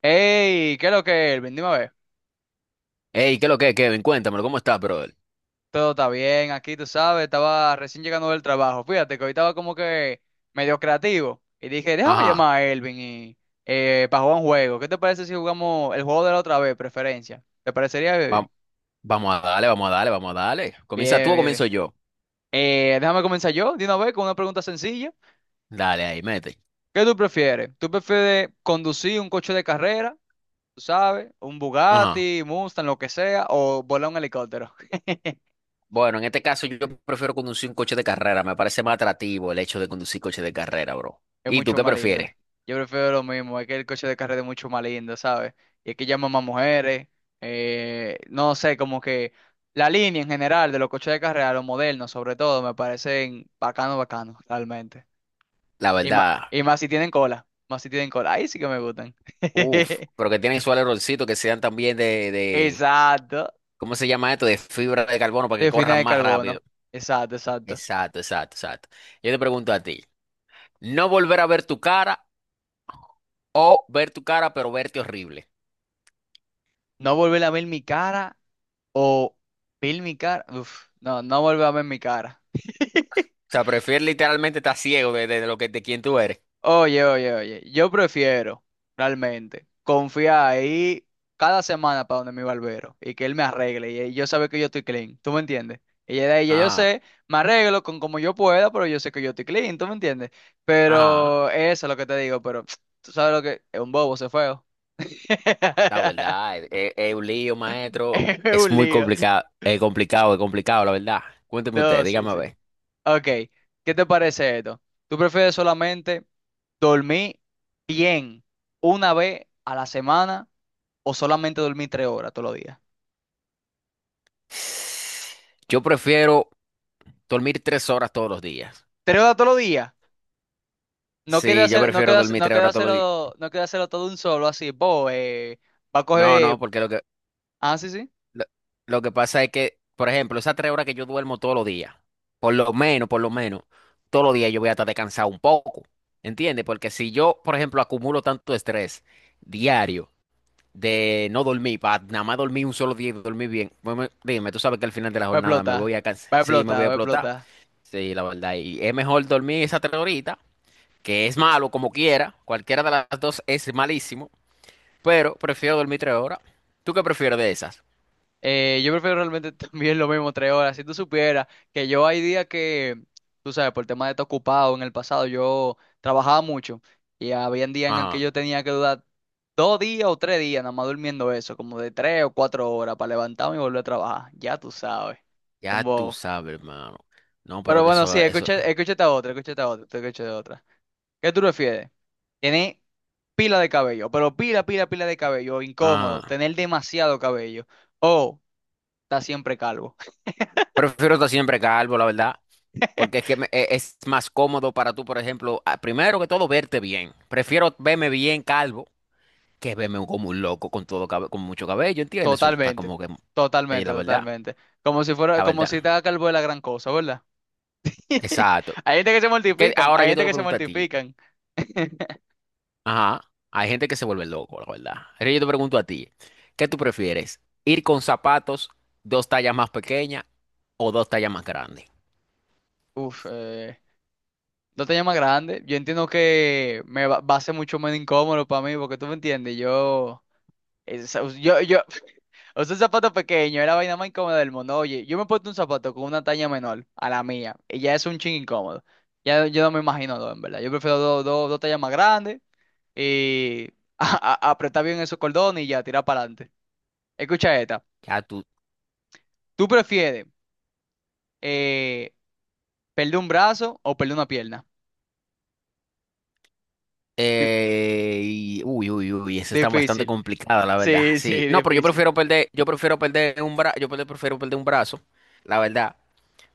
Hey, ¿qué es lo que es, Elvin? Dime a ver. Ey, ¿qué es lo que, Kevin? Cuéntamelo, ¿cómo estás, brother? Todo está bien aquí, tú sabes. Estaba recién llegando del trabajo. Fíjate que hoy estaba como que medio creativo. Y dije, déjame Ajá, llamar a Elvin y, para jugar un juego. ¿Qué te parece si jugamos el juego de la otra vez, preferencia? ¿Te parecería va- bien? vamos a darle, vamos a darle, vamos a darle. ¿Comienza Bien, tú o bien, bien. comienzo yo? Déjame comenzar yo, de una vez, con una pregunta sencilla. Dale, ahí, mete. ¿Qué tú prefieres? ¿Tú prefieres conducir un coche de carrera, tú sabes? ¿Un Ajá. Bugatti, Mustang, lo que sea, o volar un helicóptero? Bueno, en este caso yo prefiero conducir un coche de carrera, me parece más atractivo el hecho de conducir coche de carrera, bro. Es ¿Y tú mucho qué más lindo. prefieres? Yo prefiero lo mismo, es que el coche de carrera es mucho más lindo, ¿sabes? Y es que llama más mujeres, no sé, como que la línea en general de los coches de carrera, los modernos sobre todo, me parecen bacano, bacano, realmente. La verdad, Y más si tienen cola, más si tienen cola, ahí sí que me gustan. uff, pero que tienen su alerolcito que sean también de, Exacto, ¿cómo se llama esto? De fibra de carbono para que de fina corran de más rápido. carbono, exacto, exacto. Exacto, exacto, exacto. Yo te pregunto a ti, ¿no volver a ver tu cara o ver tu cara pero verte horrible? No volver a ver mi cara o ver mi cara, uf, no, no volver a ver mi cara. O sea, prefiero literalmente estar ciego de lo que de quién tú eres. Oye, oye, oye, yo prefiero realmente confiar ahí cada semana para donde mi barbero y que él me arregle y yo sabe que yo estoy clean, ¿tú me entiendes? Y ya de ahí ya yo Ajá, sé, me arreglo con como yo pueda, pero yo sé que yo estoy clean, ¿tú me entiendes? ajá. Pero eso es lo que te digo, pero tú sabes lo que es un bobo, se feo. La verdad, es un lío, maestro. Es Es un muy lío. complicado, es complicado, es complicado, la verdad. Cuénteme No, usted, sí, dígame a sí. ver. Ok, ¿qué te parece esto? ¿Tú prefieres solamente dormir bien una vez a la semana, o solamente dormir tres horas todos los días? Yo prefiero dormir 3 horas todos los días. Tres horas todos los días. No queda Sí, yo hacer, no prefiero queda, hacer- dormir no tres queda horas todos los días. hacerlo, No queda hacerlo todo de un solo así. Bo, va a No, coger. no, porque Ah, sí, sí. Lo, lo que pasa es que, por ejemplo, esas 3 horas que yo duermo todos los días, por lo menos, todos los días yo voy a estar descansado un poco, ¿entiendes? Porque si yo, por ejemplo, acumulo tanto estrés diario de no dormir, para nada más dormir un solo día y dormir bien, pues dime, tú sabes que al final de la Va a jornada me explotar. voy a cansar, Va a sí, me explotar, voy a va a explotar, explotar. sí, la verdad, y es mejor dormir esas tres horitas, que es malo como quiera, cualquiera de las dos es malísimo, pero prefiero dormir 3 horas. ¿Tú qué prefieres de esas? Yo prefiero realmente también lo mismo, tres horas. Si tú supieras que yo hay días que, tú sabes, por el tema de estar ocupado en el pasado, yo trabajaba mucho. Y había días en el que Ajá. yo tenía que durar dos días o tres días, nada más durmiendo eso, como de tres o cuatro horas para levantarme y volver a trabajar. Ya tú sabes. Ya tú Como. sabes, hermano. No, pero Pero que bueno, sí, eso, eso. escucha, escúchate de otra. ¿Qué tú prefieres? Tener pila de cabello, pero pila, pila, pila de cabello, Ah. incómodo, tener demasiado cabello, o estar siempre calvo. Prefiero estar siempre calvo, la verdad. Porque es que es más cómodo para tú, por ejemplo, ah, primero que todo, verte bien. Prefiero verme bien calvo que verme como un loco con todo con mucho cabello, ¿entiendes? Eso está Totalmente, como que. Sí, totalmente, la verdad. totalmente. Como si fuera, La como si verdad. estaba calvo de la gran cosa, ¿verdad? Exacto. Hay gente que se Que mortifican, ahora hay yo te gente voy a que se preguntar a ti. mortifican. Ajá. Hay gente que se vuelve loco, la verdad. Pero yo te pregunto a ti, ¿qué tú prefieres? ¿Ir con zapatos dos tallas más pequeñas o dos tallas más grandes? Uf, no te llama grande. Yo entiendo que me va, va a ser mucho menos incómodo para mí, porque tú me entiendes, es- yo. O sea, un zapato pequeño, era la vaina más incómoda del mundo. Oye, yo me he puesto un zapato con una talla menor a la mía y ya es un ching incómodo. Ya yo no me imagino dos, en verdad. Yo prefiero dos tallas más grandes y apretar bien esos cordones y ya tirar para adelante. Escucha esta. Ya tú. ¿Tú prefieres eh, perder un brazo o perder una pierna? Di- Uy, uy, uy, esa está bastante difícil. complicada, la verdad. Sí, sí, Sí. No, pero difícil. Yo prefiero perder un brazo, prefiero perder un brazo, la verdad.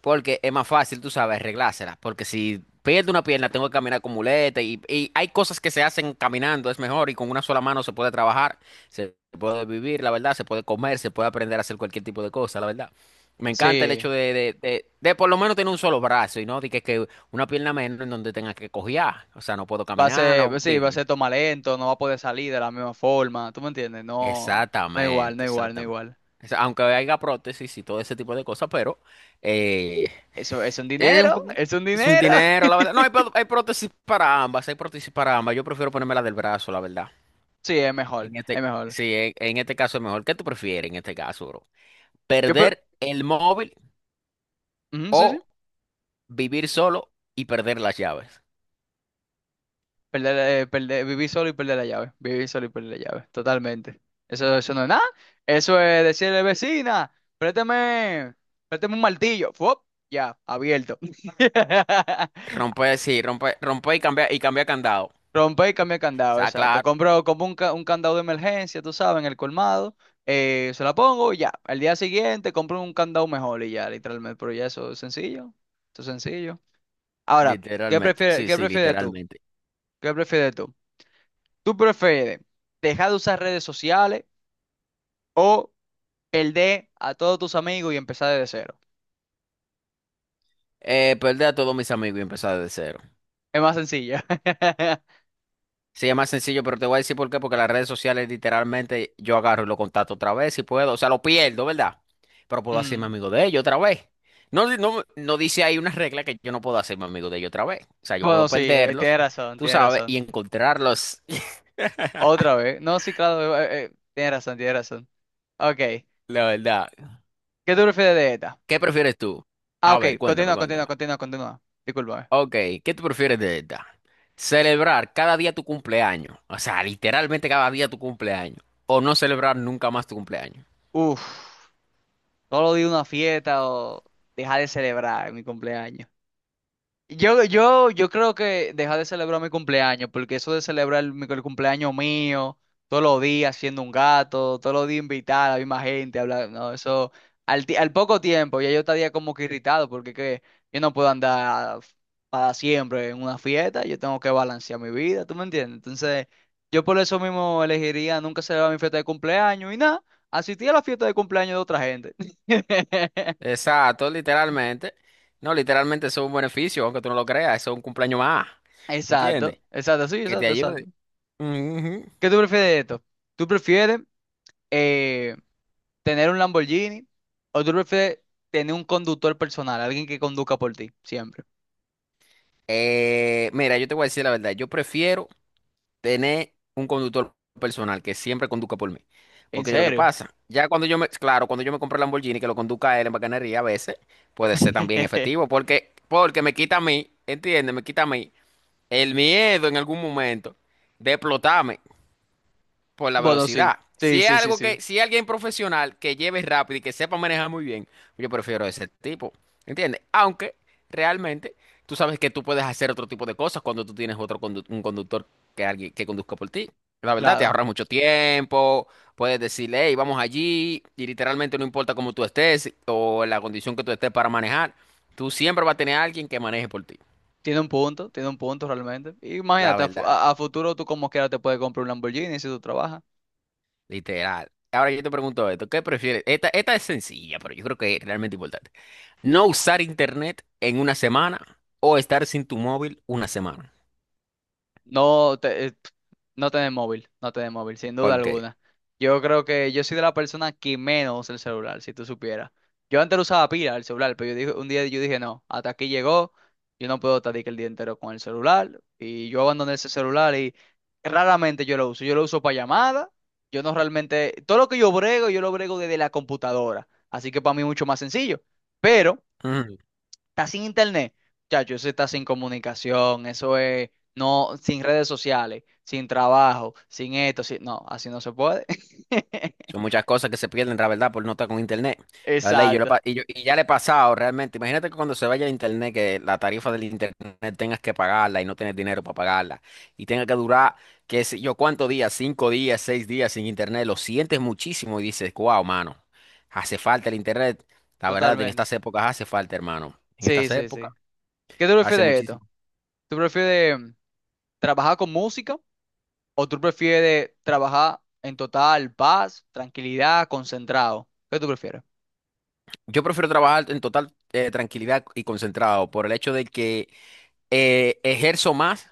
Porque es más fácil, tú sabes, arreglárselas. Porque si pierdo una pierna, tengo que caminar con muleta. Y hay cosas que se hacen caminando, es mejor. Y con una sola mano se puede trabajar, se puede vivir, la verdad. Se puede comer, se puede aprender a hacer cualquier tipo de cosa, la verdad. Me encanta el hecho Sí. de por lo menos tener un solo brazo y no de que una pierna menos en donde tenga que cojear. O sea, no puedo Va a caminar, ser, no. sí, va a Dime. ser toma lento, no va a poder salir de la misma forma. ¿Tú me entiendes? No, no igual, no Exactamente, igual, no exactamente. igual. O sea, aunque haya prótesis y todo ese tipo de cosas, pero eh, Eso es un Es un dinero, poqu- es un es un dinero. dinero, la verdad. No, hay prótesis para ambas, hay prótesis para ambas. Yo prefiero ponerme la del brazo, la verdad. Sí, es mejor, En es este, mejor. sí, en este caso es mejor. ¿Qué tú prefieres en este caso, bro? Yo, pre- ¿Perder el móvil Ujú, o sí, sí. vivir solo y perder las llaves? Vivir solo y perder la llave. Vivir solo y perder la llave, totalmente. Eso no es nada. Eso es decirle, vecina, préstame, préstame un martillo. Fuop, ya, abierto. Romper, sí, romper, romper y cambiar candado. O Rompe y cambia el candado, sea, exacto. claro, Compro como un, un candado de emergencia, tú sabes, en el colmado. Se la pongo y ya. Al día siguiente compro un candado mejor y ya, literalmente. Pero ya eso es sencillo. Eso es sencillo. Ahora, literalmente. Sí, qué sí, prefieres tú? literalmente. ¿Qué prefieres tú? ¿Tú prefieres dejar de usar redes sociales o perder a todos tus amigos y empezar desde cero? Perder a todos mis amigos y empezar de cero. Es más sencillo. Sí, es más sencillo, pero te voy a decir por qué, porque las redes sociales literalmente yo agarro y lo contacto otra vez si puedo, o sea, lo pierdo, ¿verdad? Pero puedo hacerme Mm. amigo de ellos otra vez. No, no dice ahí una regla que yo no puedo hacerme amigo de ellos otra vez. O sea, yo puedo Bueno, sí, tienes perderlos, razón, tú tiene sabes, y razón. encontrarlos, Otra vez. No, sí, claro, tienes razón, tiene razón. Ok, ¿qué la verdad. tú prefieres de esta? ¿Qué prefieres tú? Ah, A ok, ver, cuéntame, continúa, continúa, cuéntame. continúa, continúa. Discúlpame. Ok, ¿qué tú prefieres de esta? Celebrar cada día tu cumpleaños, o sea, literalmente cada día tu cumpleaños, o no celebrar nunca más tu cumpleaños. Uf, solo di una fiesta o dejar de celebrar mi cumpleaños. Yo creo que deja de celebrar mi cumpleaños, porque eso de celebrar el cumpleaños mío, todos los días siendo un gato, todos los días invitar a la misma gente, hablar, no, eso, al poco tiempo, ya yo estaría como que irritado, porque que yo no puedo andar para siempre en una fiesta, yo tengo que balancear mi vida, ¿tú me entiendes? Entonces, yo por eso mismo elegiría nunca celebrar mi fiesta de cumpleaños y nada, asistir a la fiesta de cumpleaños de otra gente. Exacto, literalmente. No, literalmente eso es un beneficio, aunque tú no lo creas, eso es un cumpleaños más. Exacto, ¿Entiendes? exacto, sí, Que te exacto, exacto. ayude. Ujú. ¿Qué tú prefieres de esto? ¿Tú prefieres eh, tener un Lamborghini, o tú prefieres tener un conductor personal, alguien que conduzca por ti, siempre? Mira, yo te voy a decir la verdad, yo prefiero tener un conductor personal que siempre conduzca por mí. ¿En Porque yo lo que serio? pasa, ya cuando yo me, claro, cuando yo me compré el Lamborghini, que lo conduzca él en bacanería a veces, puede ser también efectivo, porque me quita a mí, ¿entiendes? Me quita a mí el miedo en algún momento de explotarme. Por la Bueno, sí, velocidad. Si es algo sí, que, si es alguien profesional que lleve rápido y que sepa manejar muy bien, yo prefiero ese tipo, ¿entiendes? Aunque realmente tú sabes que tú puedes hacer otro tipo de cosas cuando tú tienes otro un conductor que alguien que conduzca por ti. La verdad, te claro. ahorras mucho tiempo, puedes decirle, hey, vamos allí, y literalmente no importa cómo tú estés o la condición que tú estés para manejar, tú siempre vas a tener a alguien que maneje por ti. Tiene un punto realmente. La Imagínate, verdad. A futuro tú como quiera te puedes comprar un Lamborghini si tú trabajas. Literal. Ahora yo te pregunto esto, ¿qué prefieres? Esta es sencilla, pero yo creo que es realmente importante. ¿No usar internet en una semana o estar sin tu móvil una semana? Pf, no tener móvil, no tener móvil, sin duda ¿Por qué? alguna. Yo creo que yo soy de la persona que menos usa el celular, si tú supieras. Yo antes lo usaba pila el celular, pero yo dije, un día yo dije, no, hasta aquí llegó, yo no puedo estar de que el día entero con el celular. Y yo abandoné ese celular y raramente yo lo uso. Yo lo uso para llamadas, yo no realmente, todo lo que yo brego, yo lo brego desde la computadora. Así que para mí es mucho más sencillo. Está sin internet. Chacho, eso está sin comunicación, eso es no, sin redes sociales, sin trabajo, sin esto, sin no, así no se puede. Son muchas cosas que se pierden, la verdad, por no estar con internet. La verdad, y yo, lo Exacto, pa- y yo- y ya le he pasado realmente. Imagínate que cuando se vaya el internet, que la tarifa del internet tengas que pagarla y no tienes dinero para pagarla. Y tenga que durar, qué sé yo, cuántos días, 5 días, 6 días sin internet. Lo sientes muchísimo y dices, wow, mano, hace falta el internet. La verdad, en totalmente. estas épocas hace falta, hermano. En Sí, estas sí, épocas sí. ¿Qué tú hace prefieres de esto? muchísimo. ¿Tú prefieres trabajar con música o tú prefieres trabajar en total paz, tranquilidad, concentrado? ¿Qué tú prefieres? Yo prefiero trabajar en total tranquilidad y concentrado por el hecho de que ejerzo más.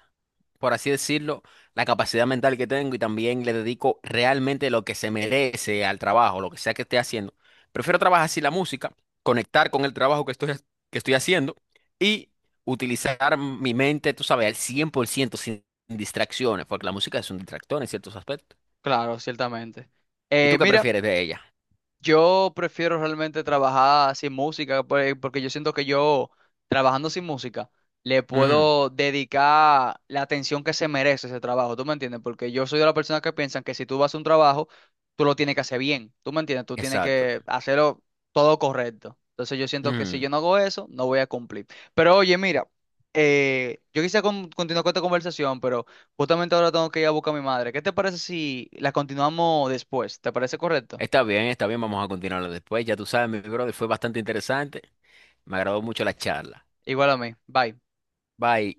Por así decirlo, la capacidad mental que tengo y también le dedico realmente lo que se merece al trabajo, lo que sea que esté haciendo. Prefiero trabajar así la música, conectar con el trabajo que estoy haciendo y utilizar mi mente, tú sabes, al 100% sin distracciones, porque la música es un distractor en ciertos aspectos. Claro, ciertamente. ¿Y tú qué mira. prefieres de ella? Yo prefiero realmente trabajar sin música, pues, porque yo siento que yo, trabajando sin música, le Ujú, puedo dedicar la atención que se merece ese trabajo, ¿tú me entiendes? Porque yo soy de la persona que piensan que si tú vas a un trabajo, tú lo tienes que hacer bien, ¿tú me entiendes? Tú tienes exacto. que hacerlo todo correcto. Entonces yo siento que si Ujú. yo no hago eso, no voy a cumplir. Pero oye, mira, yo quisiera continuar con esta conversación, pero justamente ahora tengo que ir a buscar a mi madre. ¿Qué te parece si la continuamos después? ¿Te parece correcto? Está bien, vamos a continuarlo después. Ya tú sabes, mi brother, fue bastante interesante. Me agradó mucho la charla. Igual a mí. Bye. Bye.